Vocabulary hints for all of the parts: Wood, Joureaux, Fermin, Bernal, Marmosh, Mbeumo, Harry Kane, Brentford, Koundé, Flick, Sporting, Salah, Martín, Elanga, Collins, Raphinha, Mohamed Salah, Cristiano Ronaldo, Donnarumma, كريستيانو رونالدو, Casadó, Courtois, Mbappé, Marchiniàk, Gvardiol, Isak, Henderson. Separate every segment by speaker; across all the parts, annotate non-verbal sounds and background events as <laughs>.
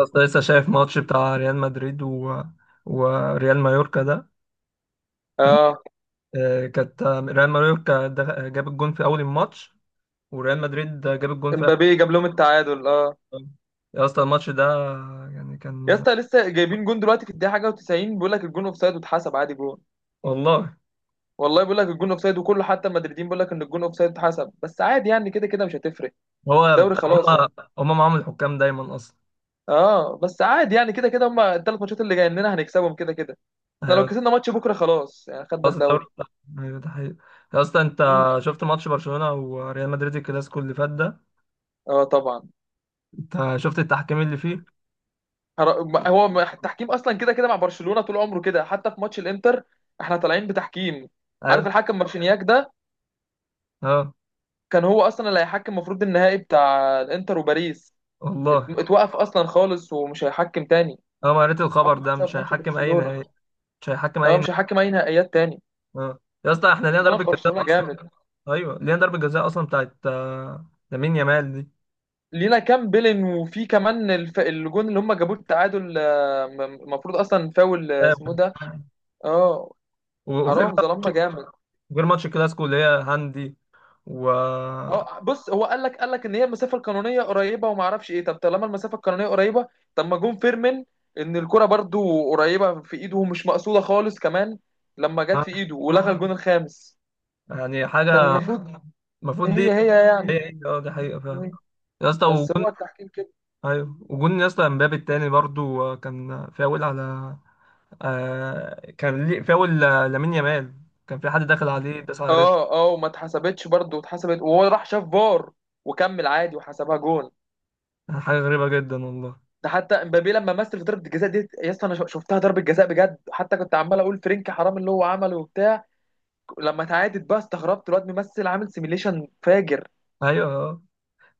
Speaker 1: لسه شايف ماتش بتاع ريال مدريد و... وريال مايوركا ده. تم...
Speaker 2: اه،
Speaker 1: كانت، ريال مايوركا ده جاب الجون في اول الماتش، وريال مدريد جاب الجون في اخر
Speaker 2: امبابي جاب لهم التعادل اه.
Speaker 1: الماتش. يا اسطى الماتش ده يعني
Speaker 2: يا
Speaker 1: كان.
Speaker 2: اسطى لسه جايبين جون دلوقتي في الدقيقه حاجه و90، بيقول لك الجون اوفسايد واتحسب عادي جون.
Speaker 1: والله،
Speaker 2: والله بيقول لك الجون اوفسايد، وكله حتى المدريدين بيقول لك ان الجون اوفسايد اتحسب، بس عادي يعني كده كده مش هتفرق.
Speaker 1: هو
Speaker 2: دوري
Speaker 1: بتاع
Speaker 2: خلاص
Speaker 1: هما.
Speaker 2: يعني.
Speaker 1: هما معاهم الحكام دايما اصلا.
Speaker 2: اه، بس عادي يعني كده كده هم الثلاث ماتشات اللي جايين لنا هنكسبهم كده كده. احنا لو
Speaker 1: أيوة،
Speaker 2: كسبنا ماتش بكره خلاص يعني خدنا
Speaker 1: خلاص الدوري
Speaker 2: الدوري.
Speaker 1: بتاع-. ايوه ده حقيقي. يا اسطى انت
Speaker 2: اه.
Speaker 1: شفت ماتش برشلونة وريال مدريد الكلاسيكو اللي فات ده؟
Speaker 2: آه طبعا.
Speaker 1: انت شفت التحكيم اللي فيه؟
Speaker 2: هر- ما- هو ما- التحكيم اصلا كده كده مع برشلونه طول عمره كده، حتى في ماتش الانتر. احنا طالعين بتحكيم.
Speaker 1: ايوه
Speaker 2: عارف
Speaker 1: ده-.
Speaker 2: الحكم مارشينياك ده؟
Speaker 1: اه.
Speaker 2: كان هو اصلا اللي هيحكم، المفروض النهائي بتاع الانتر وباريس.
Speaker 1: والله.
Speaker 2: اتوقف اصلا خالص ومش هيحكم تاني،
Speaker 1: اه، ما قريت الخبر
Speaker 2: عقد
Speaker 1: ده،
Speaker 2: بسبب
Speaker 1: مش
Speaker 2: ماتش
Speaker 1: هيحكم اي
Speaker 2: برشلونه.
Speaker 1: نهائي. مش هيحكم
Speaker 2: اه
Speaker 1: اي.
Speaker 2: مش هيحكم اي نهائيات تاني.
Speaker 1: اه. يا اسطى، احنا لينا ضربة
Speaker 2: ظلم
Speaker 1: جزاء
Speaker 2: برشلونه
Speaker 1: اصلا.
Speaker 2: جامد.
Speaker 1: ايوه، لينا ضربة جزاء اصلا بتاعت لامين يامال دي.
Speaker 2: لينا كام بيلين، وفي كمان الجون اللي هم جابوه التعادل، المفروض اصلا فاول، اسمه إيه
Speaker 1: آه،
Speaker 2: ده. اه
Speaker 1: وغير
Speaker 2: حرام
Speaker 1: بقى
Speaker 2: ظلمنا
Speaker 1: ماتش-.
Speaker 2: جامد.
Speaker 1: غير ماتش الكلاسيكو اللي هي هاندي. و.
Speaker 2: اه بص، هو قال لك ان هي المسافه القانونيه قريبه وما اعرفش ايه، طب طالما المسافه القانونيه قريبه، طب ما جون فيرمين ان الكره برضو قريبه في ايده ومش مقصوده خالص كمان، لما جت في ايده ولغى الجون الخامس
Speaker 1: يعني
Speaker 2: كان
Speaker 1: حاجة
Speaker 2: المفروض
Speaker 1: المفروض دي.
Speaker 2: هي هي
Speaker 1: هي
Speaker 2: يعني.
Speaker 1: هي، اه، دي حقيقة فعلا. يا اسطى
Speaker 2: بس
Speaker 1: وجون.
Speaker 2: هو التحكيم كده.
Speaker 1: ايوه وجون، يا اسطى، امبابي التاني برضو كان فاول على. كان ليه فاول، لامين يامال. كان في حد داخل عليه، داس على رجله.
Speaker 2: اه اه، وما اتحسبتش برضه، اتحسبت وهو راح شاف فار وكمل عادي وحسبها جون.
Speaker 1: حاجة غريبة جدا والله.
Speaker 2: ده حتى امبابي لما مثل في ضربه الجزاء دي، يا اسطى انا شفتها ضربه جزاء بجد، حتى كنت عمال اقول فرينكي حرام اللي هو عمله وبتاع. لما تعادت بقى استغربت، الواد ممثل عامل سيميليشن فاجر.
Speaker 1: ايوه آه.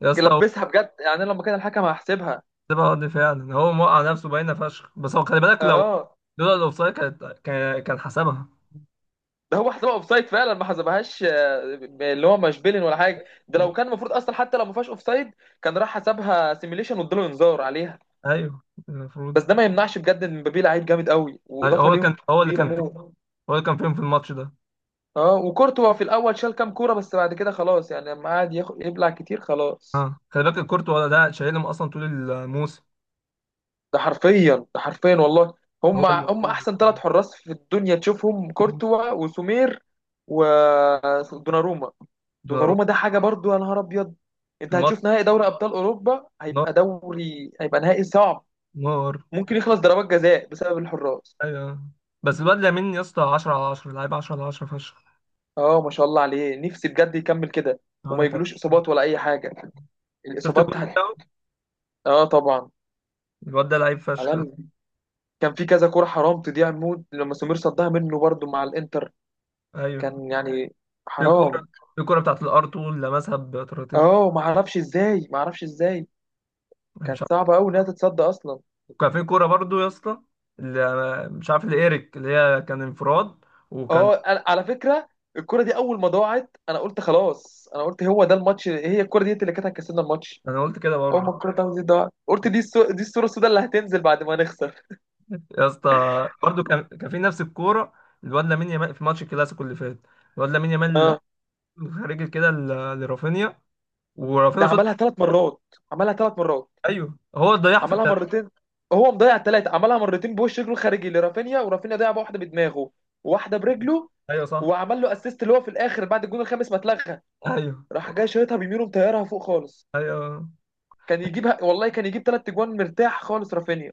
Speaker 1: يا اسطى،
Speaker 2: لبسها بجد، يعني أنا لما كان الحكم هحسبها.
Speaker 1: سيبها ارضي فعلا، هو موقع نفسه باينه فشخ، بس هو خلي بالك لو.
Speaker 2: اه
Speaker 1: لولا الاوفسايد كانت كان حسبها.
Speaker 2: ده هو حسبها اوفسايد فعلا ما حسبهاش، اللي هو مش بيلين ولا حاجه، ده لو كان المفروض اصلا حتى لو ما فيهاش اوفسايد، كان راح حسبها سيميليشن واداله انذار عليها.
Speaker 1: ايوه المفروض.
Speaker 2: بس ده ما يمنعش بجد ان مبابي لعيب جامد قوي،
Speaker 1: أيوة،
Speaker 2: واضافه
Speaker 1: هو كان،
Speaker 2: ليهم
Speaker 1: هو اللي
Speaker 2: كبيره
Speaker 1: كان،
Speaker 2: موت.
Speaker 1: هو اللي كان فيهم في الماتش ده.
Speaker 2: اه، وكورتوا في الاول شال كام كوره، بس بعد كده خلاص يعني لما قعد ياخد يبلع كتير خلاص.
Speaker 1: اه خلي بالك الكورتوا ده شايلهم اصلا طول الموسم.
Speaker 2: ده حرفيا، ده حرفيا والله.
Speaker 1: هو
Speaker 2: هم
Speaker 1: اللي.
Speaker 2: احسن ثلاث حراس في الدنيا، تشوفهم كورتوا وسومير ودوناروما.
Speaker 1: دوناروما.
Speaker 2: دوناروما ده حاجه برضو، يا نهار ابيض.
Speaker 1: في
Speaker 2: انت
Speaker 1: الماتش.
Speaker 2: هتشوف نهائي دوري ابطال اوروبا،
Speaker 1: نار.
Speaker 2: هيبقى دوري، هيبقى نهائي صعب،
Speaker 1: نار.
Speaker 2: ممكن يخلص ضربات جزاء بسبب الحراس.
Speaker 1: ايوه، بس الواد لامين، يا اسطى، 10 على 10 لعيب، 10 على 10 فشخ.
Speaker 2: اه ما شاء الله عليه، نفسي بجد يكمل كده وما
Speaker 1: انا كان.
Speaker 2: يجيلوش اصابات ولا اي حاجه.
Speaker 1: شفت
Speaker 2: الاصابات
Speaker 1: الجون
Speaker 2: هت...
Speaker 1: بتاعه؟
Speaker 2: <laughs> اه طبعا.
Speaker 1: الواد ده لعيب فشخ.
Speaker 2: عالمي. كان في كذا كوره حرام تضيع، مود لما سمير صدها منه برضو مع الانتر.
Speaker 1: ايوه.
Speaker 2: كان يعني
Speaker 1: في كوره.
Speaker 2: حرام.
Speaker 1: في كوره بتاعت الار 2، لمسها بطراطيف.
Speaker 2: اه ما اعرفش ازاي، ما اعرفش ازاي.
Speaker 1: أنا مش.
Speaker 2: كانت صعبه قوي انها تتصد اصلا.
Speaker 1: وكان في كوره برضو يا اسطى، اللي مش عارف، لإيريك، اللي هي كان انفراد. وكان.
Speaker 2: اه على فكره، الكره دي اول ما ضاعت انا قلت خلاص، انا قلت هو ده الماتش، هي الكره دي اللي كانت هتكسبنا الماتش.
Speaker 1: انا قلت كده
Speaker 2: اول
Speaker 1: برضو.
Speaker 2: ما الكره بتاعته دي ضاعت قلت دي دي الصوره السوداء اللي هتنزل بعد ما نخسر.
Speaker 1: يا اسطى برضو كان في نفس الكوره، الواد لامين يامال في ماتش الكلاسيكو اللي فات. الواد لامين يامال
Speaker 2: اه
Speaker 1: خارج كده لرافينيا،
Speaker 2: ده
Speaker 1: ورافينيا صد.
Speaker 2: عملها ثلاث مرات، عملها ثلاث مرات،
Speaker 1: ايوه هو اللي ضيعها في
Speaker 2: عملها
Speaker 1: التلاته.
Speaker 2: مرتين. هو مضيع الثلاثه، عملها مرتين بوش رجله الخارجي لرافينيا، ورافينيا ضيع واحده بدماغه وواحده برجله،
Speaker 1: ايوه صح.
Speaker 2: وعمل له اسيست اللي هو في الاخر بعد الجون الخامس ما اتلغى،
Speaker 1: ايوه،
Speaker 2: راح جاي شايطها بيمينه مطيرها فوق خالص.
Speaker 1: ايوه،
Speaker 2: كان يجيبها، والله كان يجيب ثلاث اجوان مرتاح خالص رافينيا.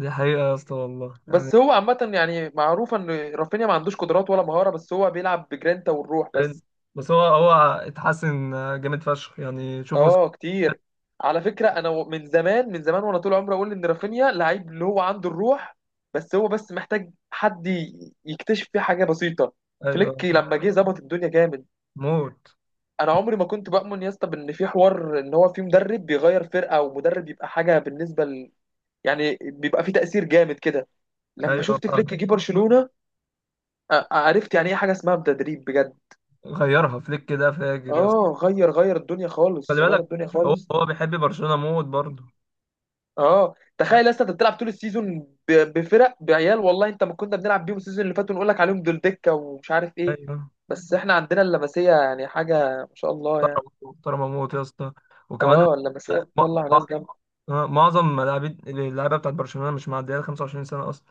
Speaker 1: دي حقيقه يا اسطى والله يعني.
Speaker 2: بس هو عامة يعني معروف ان رافينيا ما عندوش قدرات ولا مهارة، بس هو بيلعب بجرينتا والروح بس.
Speaker 1: بس هو هو اتحسن جامد فشخ يعني شوفوا.
Speaker 2: اه كتير. على فكرة انا من زمان من زمان وانا طول عمري اقول ان رافينيا لعيب اللي هو عنده الروح، بس هو بس محتاج حد يكتشف فيه حاجة بسيطة.
Speaker 1: ايوه
Speaker 2: فليك
Speaker 1: صح.
Speaker 2: لما جه ظبط الدنيا جامد.
Speaker 1: موت.
Speaker 2: انا عمري ما كنت بؤمن يا اسطى بان في حوار ان هو في مدرب بيغير فرقة ومدرب يبقى حاجة بالنسبة يعني بيبقى في تأثير جامد كده. لما
Speaker 1: ايوه،
Speaker 2: شفت فليك جه برشلونة عرفت يعني ايه حاجة اسمها تدريب بجد.
Speaker 1: غيرها فليك كده فاجر يا.
Speaker 2: اه غير الدنيا
Speaker 1: خلي
Speaker 2: خالص، غير
Speaker 1: بالك،
Speaker 2: الدنيا
Speaker 1: هو
Speaker 2: خالص.
Speaker 1: هو بيحب برشلونة موت برضه.
Speaker 2: اه تخيل اصلا، انت بتلعب طول السيزون ب- بفرق بعيال، والله انت ما كنا بنلعب بيهم السيزون اللي فات ونقول لك عليهم دول دكة ومش عارف ايه.
Speaker 1: ايوه.
Speaker 2: بس احنا عندنا اللمسية يعني حاجة، ما شاء الله يعني.
Speaker 1: محترم، محترم موت يا اسطى. وكمان
Speaker 2: اه اللمسية
Speaker 1: مع-
Speaker 2: بتطلع ناس جامدة.
Speaker 1: معظم لاعبين اللعيبه بتاعت برشلونة مش معديه ال 25 سنة اصلا.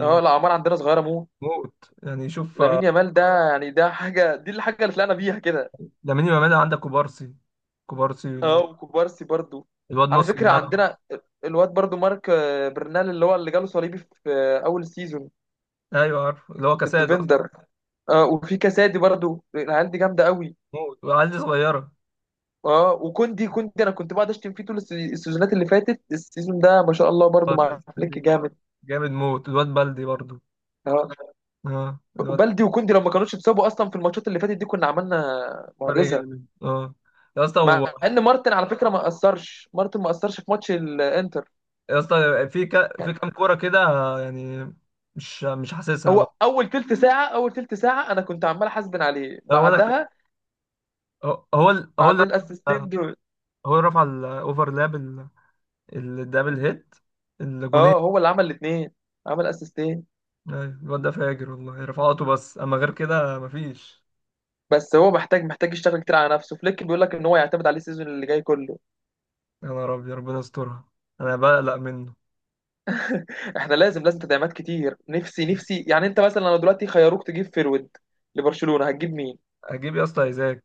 Speaker 2: اه الأعمار عندنا صغيرة موت.
Speaker 1: موت، يعني شوف،
Speaker 2: لامين يامال ده يعني، ده حاجة، دي الحاجة اللي طلعنا بيها كده.
Speaker 1: لامين يامال عندك كوبارسي. كوبارسي
Speaker 2: اه وكوبارسي برضو.
Speaker 1: الواد
Speaker 2: على
Speaker 1: نص
Speaker 2: فكرة
Speaker 1: الملعب.
Speaker 2: عندنا الواد برضو مارك برنال، اللي هو اللي جاله صليبي في أول سيزون.
Speaker 1: ايوه عارف، اللي هو كاساد اصلا.
Speaker 2: الديفندر. اه وفي كاسادي برضو، العيال دي جامدة قوي.
Speaker 1: موت، والعيال دي صغيرة.
Speaker 2: اه وكوندي. كوندي أنا كنت بقعد أشتم فيه طول السيزونات اللي فاتت. السيزون ده ما شاء الله برضو مع فليك
Speaker 1: بس
Speaker 2: جامد.
Speaker 1: جامد موت، الواد بلدي برضه.
Speaker 2: اه
Speaker 1: اه الواد.
Speaker 2: بلدي. وكوندي لو ما كانوش اتصابوا أصلا في الماتشات اللي فاتت دي كنا عملنا
Speaker 1: فرق
Speaker 2: معجزة.
Speaker 1: جامد، اه. يا اسطى.
Speaker 2: مع إن مارتن على فكرة ما أثرش، مارتن ما أثرش في ماتش الإنتر.
Speaker 1: يا اسطى، في في كام كوره كده، يعني مش حاسسها بقى.
Speaker 2: هو اول تلت ساعه، انا كنت عمال احاسبن عليه،
Speaker 1: هو انا،
Speaker 2: بعدها
Speaker 1: هو هو ال- هو
Speaker 2: بعد
Speaker 1: اللي
Speaker 2: الاسيستين دول
Speaker 1: هو اللي رفع الاوفرلاب، الدبل هيت، الجونين.
Speaker 2: اه هو اللي عمل الاثنين، عمل اسيستين.
Speaker 1: أيوة، الواد ده فاجر والله رفعاته، بس اما غير كده مفيش.
Speaker 2: بس هو محتاج، يشتغل كتير على نفسه. فليك بيقول لك ان هو يعتمد عليه السيزون اللي جاي كله.
Speaker 1: يا نهار ابيض، ربنا يسترها. انا بقلق منه.
Speaker 2: احنا لازم، تدعيمات كتير. نفسي، يعني انت مثلا لو دلوقتي خيروك تجيب فيرود لبرشلونه هتجيب مين؟
Speaker 1: اجيب يا اسطى ايزاك.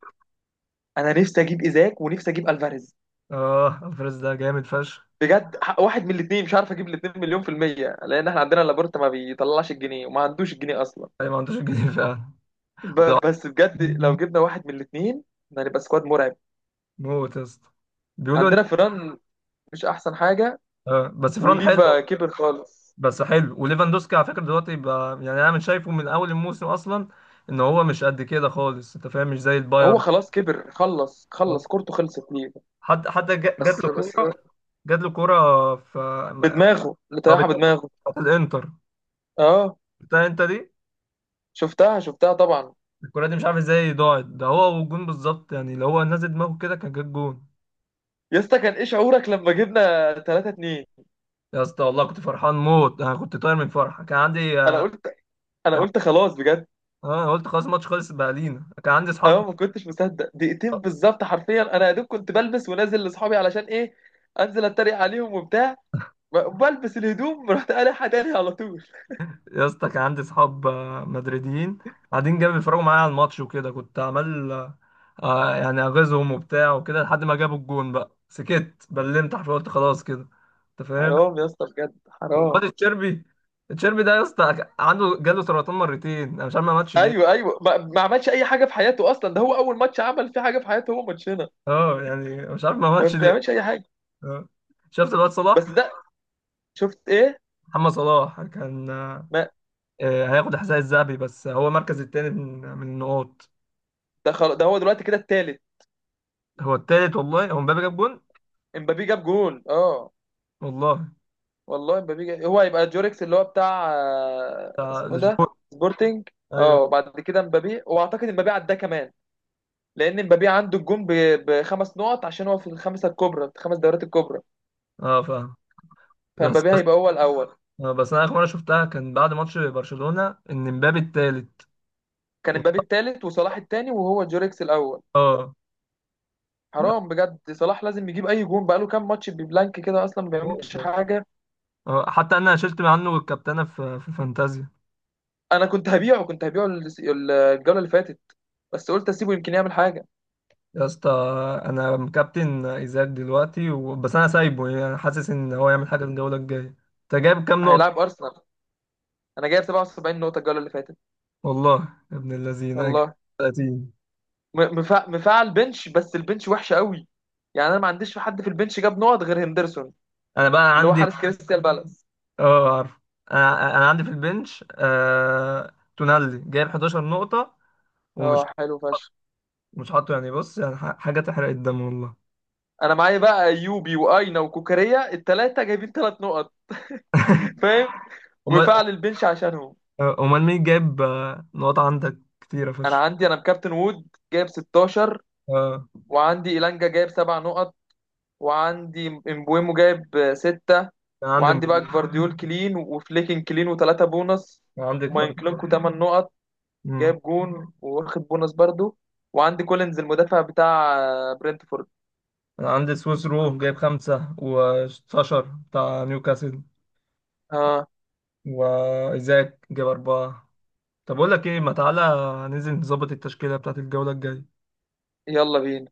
Speaker 2: انا نفسي اجيب ايزاك ونفسي اجيب الفاريز
Speaker 1: اه، الفريز ده جامد فشخ.
Speaker 2: بجد. واحد من الاثنين، مش عارف اجيب الاثنين، مليون في المية لان احنا عندنا لابورتا ما بيطلعش الجنيه وما عندوش الجنيه اصلا.
Speaker 1: أي، ما عندوش جنيه فعلا. وده
Speaker 2: بس بجد لو جبنا واحد من الاثنين هنبقى سكواد مرعب.
Speaker 1: موت يا اسطى. بيقولوا ان،
Speaker 2: عندنا فيران، مش احسن حاجه.
Speaker 1: بس فران حلو.
Speaker 2: وليفا كبر خالص.
Speaker 1: بس حلو، وليفاندوسكي على فكره دلوقتي بقى، يعني انا من شايفه من اول الموسم اصلا ان هو مش قد كده خالص، انت فاهم، مش زي
Speaker 2: هو
Speaker 1: البايرن.
Speaker 2: خلاص كبر، خلص خلص كورته، خلصت ليفا.
Speaker 1: حد جات
Speaker 2: بس
Speaker 1: له
Speaker 2: بس
Speaker 1: كوره. جات له كوره في.
Speaker 2: بدماغه، اللي
Speaker 1: هو
Speaker 2: طيحها
Speaker 1: بيدور.
Speaker 2: بدماغه.
Speaker 1: بتاعت الانتر.
Speaker 2: اه
Speaker 1: بتاع انت دي.
Speaker 2: شفتها طبعا.
Speaker 1: الكوره دي مش عارف ازاي ضاعت، ده هو والجون بالظبط يعني. لو هو نازل دماغه كده كان جاب جون.
Speaker 2: يا اسطى كان ايه شعورك لما جبنا 3-2؟
Speaker 1: يا اسطى والله كنت فرحان موت، انا كنت طاير من فرحه. كان عندي،
Speaker 2: انا قلت انا
Speaker 1: كان...
Speaker 2: قلت خلاص بجد.
Speaker 1: قلت خلاص الماتش خلص بقى لينا. كان عندي اصحاب.
Speaker 2: اه ما كنتش مصدق، دقيقتين بالظبط حرفيا. انا يا دوب كنت بلبس ونازل لاصحابي علشان ايه؟ انزل اتريق عليهم وبتاع. بلبس الهدوم رحت قالعها تاني على طول.
Speaker 1: يا اسطى كان عندي صحاب مدريديين قاعدين جنبي بيتفرجوا معايا على الماتش، وكده كنت عمال يعني اغيظهم وبتاع وكده، لحد ما جابوا الجون بقى سكت، بلمت حرفيا، قلت خلاص كده. انت فاهم.
Speaker 2: حرام يا اسطى بجد حرام.
Speaker 1: وواد الشربي. الشربي ده يا اسطى عنده، جاله سرطان مرتين، انا مش عارف ما ماتش ليه.
Speaker 2: ايوه ايوه ما عملش اي حاجه في حياته اصلا، ده هو اول ماتش عمل فيه حاجه في حياته هو ماتشنا.
Speaker 1: اه، يعني مش عارف ما
Speaker 2: ما
Speaker 1: ماتش ليه.
Speaker 2: بيعملش اي حاجه.
Speaker 1: آه. شفت الواد صلاح؟
Speaker 2: بس ده. شفت ايه؟
Speaker 1: محمد صلاح كان
Speaker 2: ما
Speaker 1: هياخد الحذاء الذهبي، بس هو مركز التاني من النقاط.
Speaker 2: ده خلاص، ده هو دلوقتي كده التالت.
Speaker 1: هو التالت والله. هو مبابي جاب جون.
Speaker 2: امبابي جاب جول اه.
Speaker 1: والله.
Speaker 2: والله امبابي جاب، هو هيبقى جوريكس اللي هو بتاع اسمه
Speaker 1: ده
Speaker 2: إيه ده.
Speaker 1: شبور.
Speaker 2: سبورتنج. اه
Speaker 1: ايوه.
Speaker 2: وبعد كده امبابي، واعتقد امبابي عداه كمان، لان امبابي عنده الجون بخمس نقط عشان هو في الخمسه الكبرى في الخمس دورات الكبرى.
Speaker 1: اه فاهم. بس
Speaker 2: فامبابي هيبقى هو الاول.
Speaker 1: بس انا اخر مره شفتها كان بعد ماتش برشلونه ان مبابي التالت.
Speaker 2: كان
Speaker 1: و-.
Speaker 2: امبابي التالت وصلاح التاني وهو جوريكس الاول.
Speaker 1: اه. ف....
Speaker 2: حرام بجد، صلاح لازم يجيب اي جون، بقاله كام ماتش ببلانك كده اصلا ما بيعملش حاجه.
Speaker 1: حتى انا شلت عنه الكابتنه في فانتازيا.
Speaker 2: انا كنت هبيعه، كنت هبيعه الجوله اللي فاتت، بس قلت اسيبه يمكن يعمل حاجه.
Speaker 1: يا اسطى انا مكابتن ايزاك دلوقتي و.... بس انا سايبه، يعني انا حاسس ان هو يعمل حاجه الجوله الجايه. انت جايب كام نقطه؟
Speaker 2: هيلاعب ارسنال. انا جايب 77 نقطه الجوله اللي فاتت
Speaker 1: والله يا ابن الذين انا جايب
Speaker 2: والله.
Speaker 1: 30.
Speaker 2: مفعل بنش، بس البنش وحشه قوي. يعني انا ما عنديش في حد في البنش جاب نقط غير هندرسون
Speaker 1: انا بقى
Speaker 2: اللي هو
Speaker 1: عندي.
Speaker 2: حارس كريستال بالاس.
Speaker 1: اه عارف. انا عندي في البنش تونالي جايب 11 نقطه. ومش،
Speaker 2: اه حلو فشخ.
Speaker 1: مش حاطه، يعني بص يعني حاجة تحرق الدم والله.
Speaker 2: انا معايا بقى ايوبي واينا وكوكاريا الثلاثه جايبين ثلاث نقط فاهم.
Speaker 1: أمال.
Speaker 2: مفعل البنش عشانهم.
Speaker 1: أمال مين جايب نقط عندك كتيرة
Speaker 2: انا
Speaker 1: فشخ؟
Speaker 2: عندي، انا بكابتن وود جايب 16.
Speaker 1: اه،
Speaker 2: وعندي إيلانجا جايب سبع نقط، وعندي امبويمو جايب ستة.
Speaker 1: كان عندي
Speaker 2: وعندي بقى
Speaker 1: مبليو.
Speaker 2: جفارديول كلين وفليكن كلين وثلاثة بونص.
Speaker 1: كان عندك برضه.
Speaker 2: وماينكلونكو تمن نقط،
Speaker 1: أمم.
Speaker 2: جايب جون واخد بونص برضو. وعندي كولينز المدافع بتاع برنتفورد.
Speaker 1: أنا عندي سويس رو جايب 5 وساشر بتاع نيوكاسل،
Speaker 2: ها،
Speaker 1: وإيزاك جايب 4. طب أقول لك إيه، ما تعالى ننزل نظبط التشكيلة بتاعت الجولة الجاية.
Speaker 2: يلا بينا.